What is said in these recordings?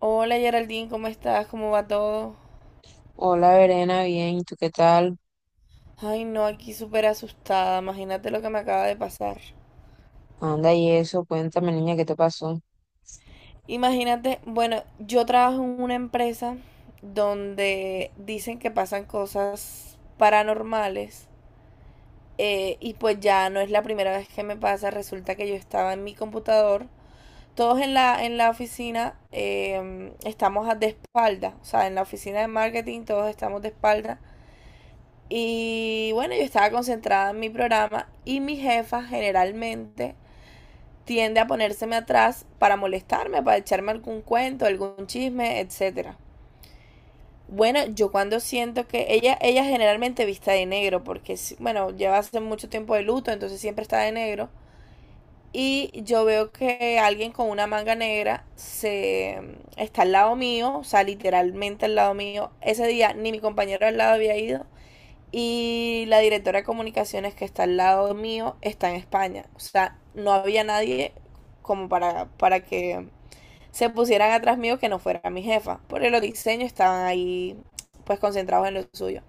Hola Geraldine, ¿cómo estás? ¿Cómo va todo? Hola, Verena, bien, ¿y tú qué tal? Ay, no, aquí súper asustada. Imagínate lo que me acaba de pasar. Anda, y eso, cuéntame, niña, ¿qué te pasó? Imagínate, bueno, yo trabajo en una empresa donde dicen que pasan cosas paranormales, y pues ya no es la primera vez que me pasa. Resulta que yo estaba en mi computador. Todos en la oficina de espalda. O sea, en la oficina de marketing todos estamos de espalda. Y bueno, yo estaba concentrada en mi programa, y mi jefa generalmente tiende a ponérseme atrás para molestarme, para echarme algún cuento, algún chisme, etcétera. Bueno, yo cuando siento que ella generalmente viste de negro, porque bueno, lleva hace mucho tiempo de luto, entonces siempre está de negro. Y yo veo que alguien con una manga negra se está al lado mío, o sea, literalmente al lado mío. Ese día ni mi compañero al lado había ido, y la directora de comunicaciones que está al lado mío está en España. O sea, no había nadie como para que se pusieran atrás mío que no fuera mi jefa. Porque los diseños estaban ahí pues concentrados en lo suyo.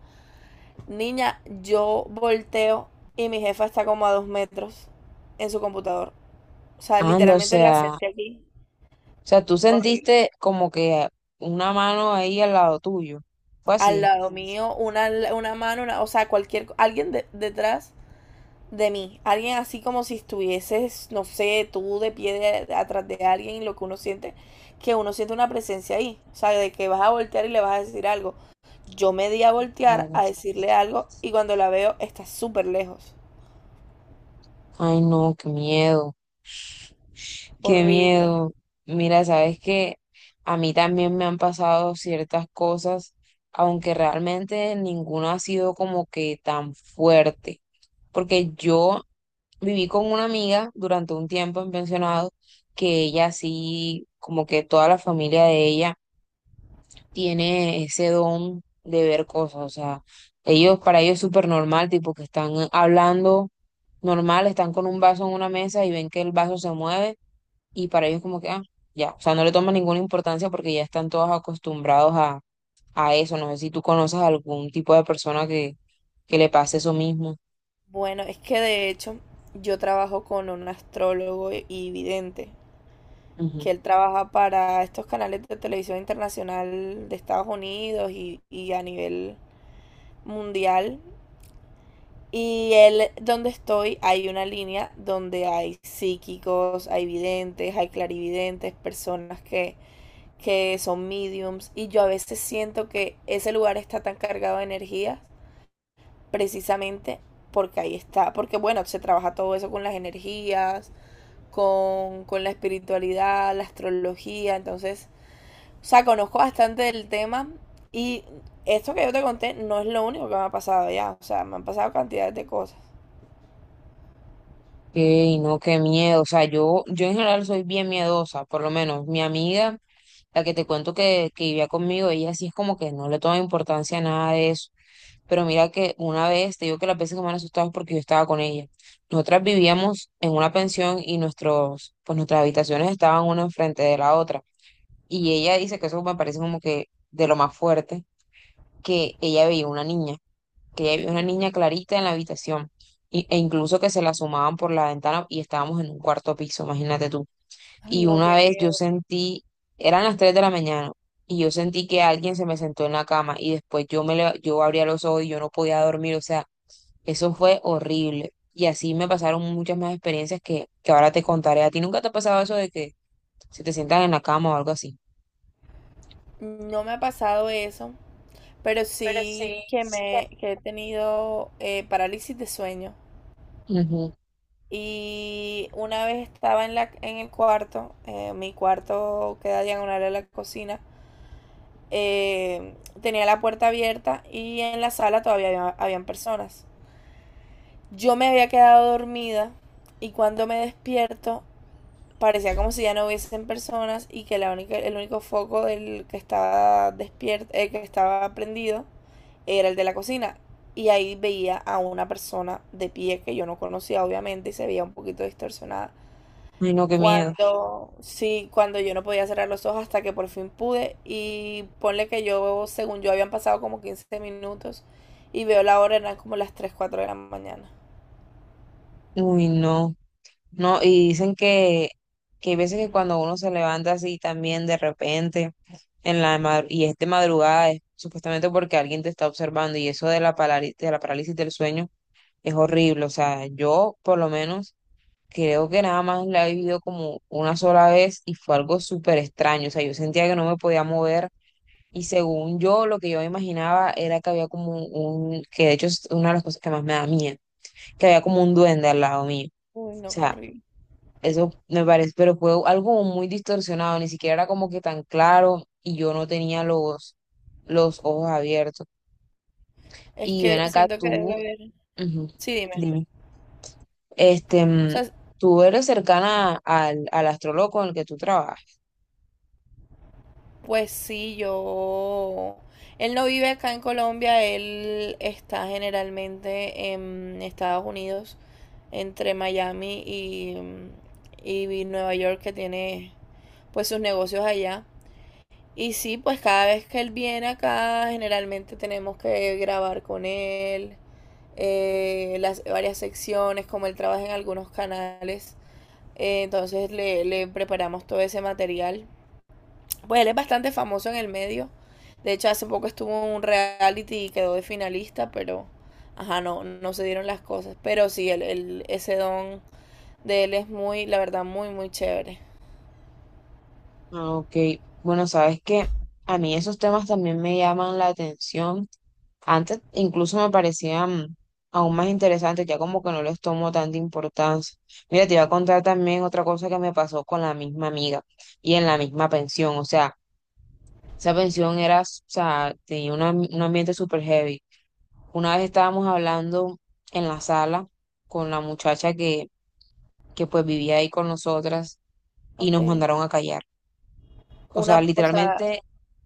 Niña, yo volteo y mi jefa está como a dos metros en su computador. O sea, Anda, o literalmente la sea, o senté aquí. sea, tú Horrible. sentiste como que una mano ahí al lado tuyo. Fue Al así. lado mío, una mano, o sea, cualquier, alguien detrás de mí. Alguien así como si estuvieses, no sé, tú de pie atrás de alguien, lo que uno siente una presencia ahí. O sea, de que vas a voltear y le vas a decir algo. Yo me di a voltear Claro. a decirle algo y cuando la veo está súper lejos. Ay, no, qué miedo, qué Horrible. miedo. Mira, sabes que a mí también me han pasado ciertas cosas, aunque realmente ninguna ha sido como que tan fuerte. Porque yo viví con una amiga durante un tiempo en pensionado, que ella sí, como que toda la familia de ella tiene ese don de ver cosas, o sea, ellos, para ellos es súper normal, tipo que están hablando normal, están con un vaso en una mesa y ven que el vaso se mueve y para ellos como que, ah, ya, o sea, no le toman ninguna importancia porque ya están todos acostumbrados a, eso, no sé si tú conoces a algún tipo de persona que, le pase eso mismo. Bueno, es que de hecho yo trabajo con un astrólogo y vidente, que él trabaja para estos canales de televisión internacional de Estados Unidos y a nivel mundial. Y él, donde estoy, hay una línea donde hay psíquicos, hay videntes, hay clarividentes, personas que son mediums. Y yo a veces siento que ese lugar está tan cargado de energías, precisamente porque ahí está. Porque bueno, se trabaja todo eso con las energías, con la espiritualidad, la astrología. Entonces, o sea, conozco bastante del tema. Y esto que yo te conté no es lo único que me ha pasado ya. O sea, me han pasado cantidades de cosas. Y no, qué miedo. O sea, yo en general soy bien miedosa, por lo menos mi amiga, la que te cuento que, vivía conmigo, ella sí es como que no le toma importancia a nada de eso. Pero mira que una vez, te digo que las veces que me han asustado es porque yo estaba con ella. Nosotras vivíamos en una pensión y nuestros, pues nuestras habitaciones estaban una enfrente de la otra. Y ella dice que eso me parece como que de lo más fuerte, que ella veía una niña que ya había una niña clarita en la habitación e incluso que se la asomaban por la ventana y estábamos en un cuarto piso, imagínate tú. Ay, Y no, una qué vez yo miedo. sentí, eran las 3 de la mañana y yo sentí que alguien se me sentó en la cama y después yo abría los ojos y yo no podía dormir, o sea, eso fue horrible. Y así me pasaron muchas más experiencias que, ahora te contaré. ¿A ti nunca te ha pasado eso de que se te sientan en la cama o algo así? No me ha pasado eso, pero Pero sí sí. que he tenido parálisis de sueño. Ujú. Y una vez estaba en el cuarto, mi cuarto queda diagonal a la cocina. eh, Tenía la puerta abierta y en la sala todavía habían personas. Yo me había quedado dormida y cuando me despierto parecía como si ya no hubiesen personas y que el único foco del que estaba despierto, que estaba prendido, era el de la cocina. Y ahí veía a una persona de pie que yo no conocía, obviamente, y se veía un poquito distorsionada. Ay, no, qué miedo. Cuando, sí, cuando yo no podía cerrar los ojos hasta que por fin pude. Y ponle que yo, según yo, habían pasado como 15 minutos y veo la hora, eran como las 3 4 de la mañana. Uy, no. No, y dicen que, hay veces que cuando uno se levanta así también de repente en y es de madrugada es supuestamente porque alguien te está observando y eso de la parálisis del sueño es horrible. O sea, yo por lo menos creo que nada más la he vivido como una sola vez y fue algo súper extraño. O sea, yo sentía que no me podía mover y según yo lo que yo me imaginaba era que había como que de hecho es una de las cosas que más me da miedo, que había como un duende al lado mío. O Uy, no, sea, corrí. eso me parece, pero fue algo como muy distorsionado, ni siquiera era como que tan claro y yo no tenía los ojos abiertos. Es Y ven que acá siento que debe tú, haber. ujú, Sí, dime. dime, este, O sea, tú eres cercana al astrólogo con el que tú trabajas. pues sí, yo... Él no vive acá en Colombia, él está generalmente en Estados Unidos, entre Miami y Nueva York, que tiene pues sus negocios allá. Y sí, pues cada vez que él viene acá, generalmente tenemos que grabar con él, las varias secciones, como él trabaja en algunos canales, entonces le preparamos todo ese material. Pues él es bastante famoso en el medio. De hecho, hace poco estuvo en un reality y quedó de finalista, pero ajá, no, no se dieron las cosas. Pero sí, ese don de él es muy, la verdad, muy, muy chévere. Ah, Ok, bueno, sabes que a mí esos temas también me llaman la atención. Antes incluso me parecían aún más interesantes, ya como que no les tomo tanta importancia. Mira, te iba a contar también otra cosa que me pasó con la misma amiga y en la misma pensión. O sea, esa pensión era, o sea, tenía un ambiente súper heavy. Una vez estábamos hablando en la sala con la muchacha que, pues vivía ahí con nosotras y nos Okay. mandaron a callar. O sea, Una, o sea, literalmente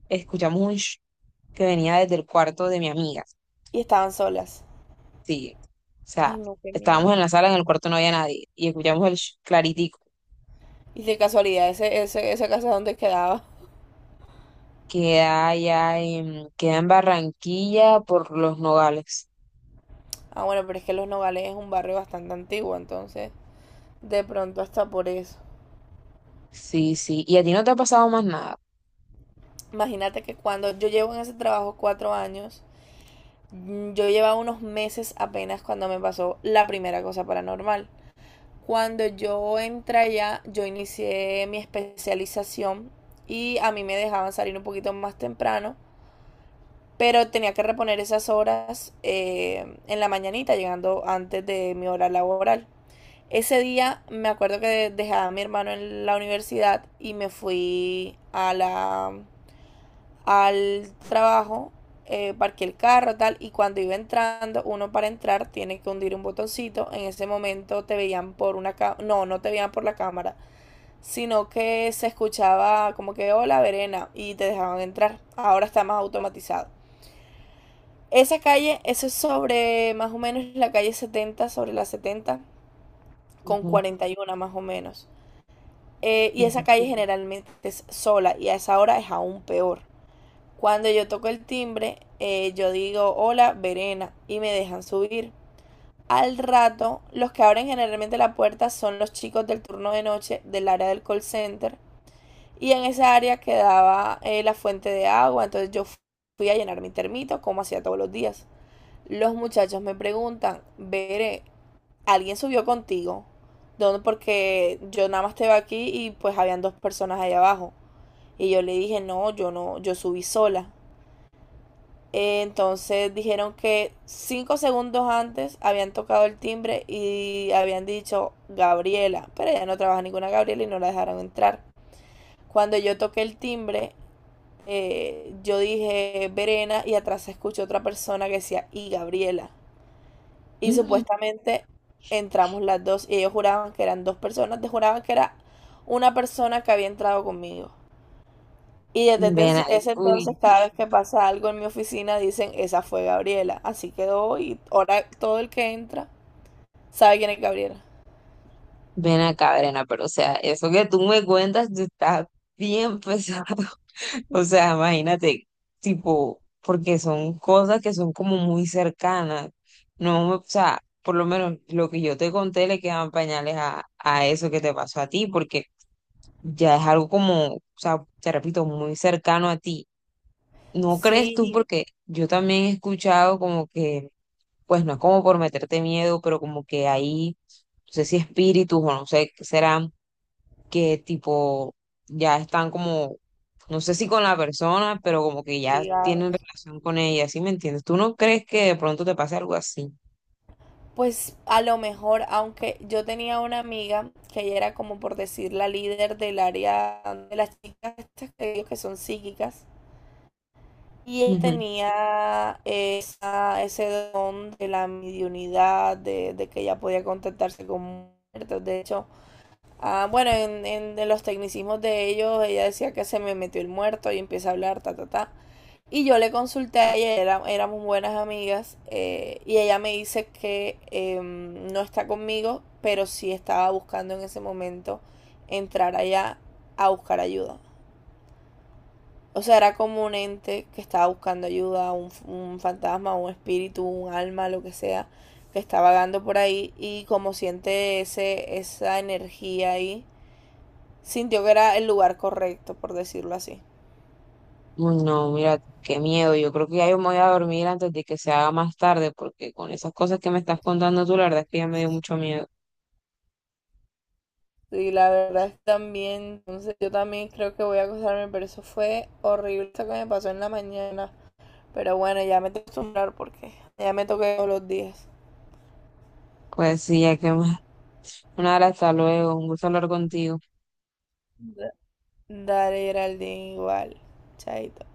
escuchamos un sh que venía desde el cuarto de mi amiga. y estaban solas. Sí, o Ay, sea, no, qué estábamos miedo. en la sala, en el cuarto no había nadie y escuchamos el sh- claritico. Y de casualidad, esa casa donde quedaba. Queda allá en, queda en Barranquilla por los Nogales. Ah, bueno, pero es que Los Nogales es un barrio bastante antiguo, entonces, de pronto hasta por eso. Sí, sí. ¿Y a ti no te ha pasado más nada? Imagínate que cuando yo llevo en ese trabajo 4 años, mm, yo llevaba unos meses apenas cuando me pasó la primera cosa paranormal. Cuando yo entré allá, yo inicié mi especialización y a mí me dejaban salir un poquito más temprano, pero tenía que reponer esas horas en la mañanita, llegando antes de mi hora laboral. Ese día me acuerdo que dejaba a mi hermano en la universidad y me fui a la al trabajo, parqué el carro, tal, y cuando iba entrando, uno para entrar tiene que hundir un botoncito, en ese momento te veían por una cámara, no, no te veían por la cámara, sino que se escuchaba como que, hola, Verena, y te dejaban entrar, ahora está más automatizado. Esa calle, eso es sobre más o menos la calle 70 sobre la 70 con Ujú, 41 más o menos. Y esa ujú, calle generalmente es sola y a esa hora es aún peor. Cuando yo toco el timbre, yo digo hola, Verena, y me dejan subir. Al rato, los que abren generalmente la puerta son los chicos del turno de noche del área del call center. Y en esa área quedaba la fuente de agua, entonces yo fui a llenar mi termito como hacía todos los días. Los muchachos me preguntan, Veré, ¿alguien subió contigo? ¿Dónde? Porque yo nada más estaba aquí y pues habían dos personas ahí abajo. Y yo le dije, no, yo no, yo subí sola. Entonces dijeron que 5 segundos antes habían tocado el timbre y habían dicho Gabriela, pero ella no trabaja ninguna Gabriela y no la dejaron entrar. Cuando yo toqué el timbre, yo dije Verena y atrás se escuchó otra persona que decía y Gabriela. Y ujú. supuestamente entramos las dos y ellos juraban que eran dos personas, juraban que era una persona que había entrado conmigo. Y desde Ven, ese ese uy, entonces, cada vez que pasa algo en mi oficina, dicen, esa fue Gabriela. Así quedó y ahora todo el que entra sabe quién es Gabriela. ven acá, Brena, pero o sea, eso que tú me cuentas, tú estás bien pesado. O sea, imagínate, tipo, porque son cosas que son como muy cercanas. No, o sea, por lo menos lo que yo te conté le quedan pañales a, eso que te pasó a ti, porque ya es algo como, o sea, te repito, muy cercano a ti. ¿No crees tú? Sí, Porque yo también he escuchado como que, pues no es como por meterte miedo, pero como que ahí, no sé si espíritus o no sé qué serán que tipo ya están como, no sé si con la persona, pero como que ya tienen ligados. relación con ella, ¿sí me entiendes? ¿Tú no crees que de pronto te pase algo así? Pues a lo mejor, aunque yo tenía una amiga que ella era como por decir la líder del área de las chicas estas que digo que son psíquicas. Y ella Ujú. tenía ese don de la mediunidad, de que ella podía contactarse con muertos. De hecho, ah, bueno, en, en los tecnicismos de ellos, ella decía que se me metió el muerto y empieza a hablar, ta, ta, ta. Y yo le consulté a ella, éramos buenas amigas, y ella me dice que no está conmigo, pero sí estaba buscando en ese momento entrar allá a buscar ayuda. O sea, era como un ente que estaba buscando ayuda, un, un fantasma, un espíritu, un alma, lo que sea, que está vagando por ahí y como siente esa energía ahí sintió que era el lugar correcto, por decirlo así. Uy, no, mira, qué miedo. Yo creo que ya yo me voy a dormir antes de que se haga más tarde, porque con esas cosas que me estás contando tú, la verdad es que ya me dio mucho miedo. Y la verdad es que también, entonces yo también creo que voy a acostarme, pero eso fue horrible eso que me pasó en la mañana. Pero bueno, ya me tengo que acostumbrar porque ya me toqué todos los días. Pues sí, ya que más. Nada, hasta luego. Un gusto hablar contigo. Dale, Geraldine, igual. Chaito.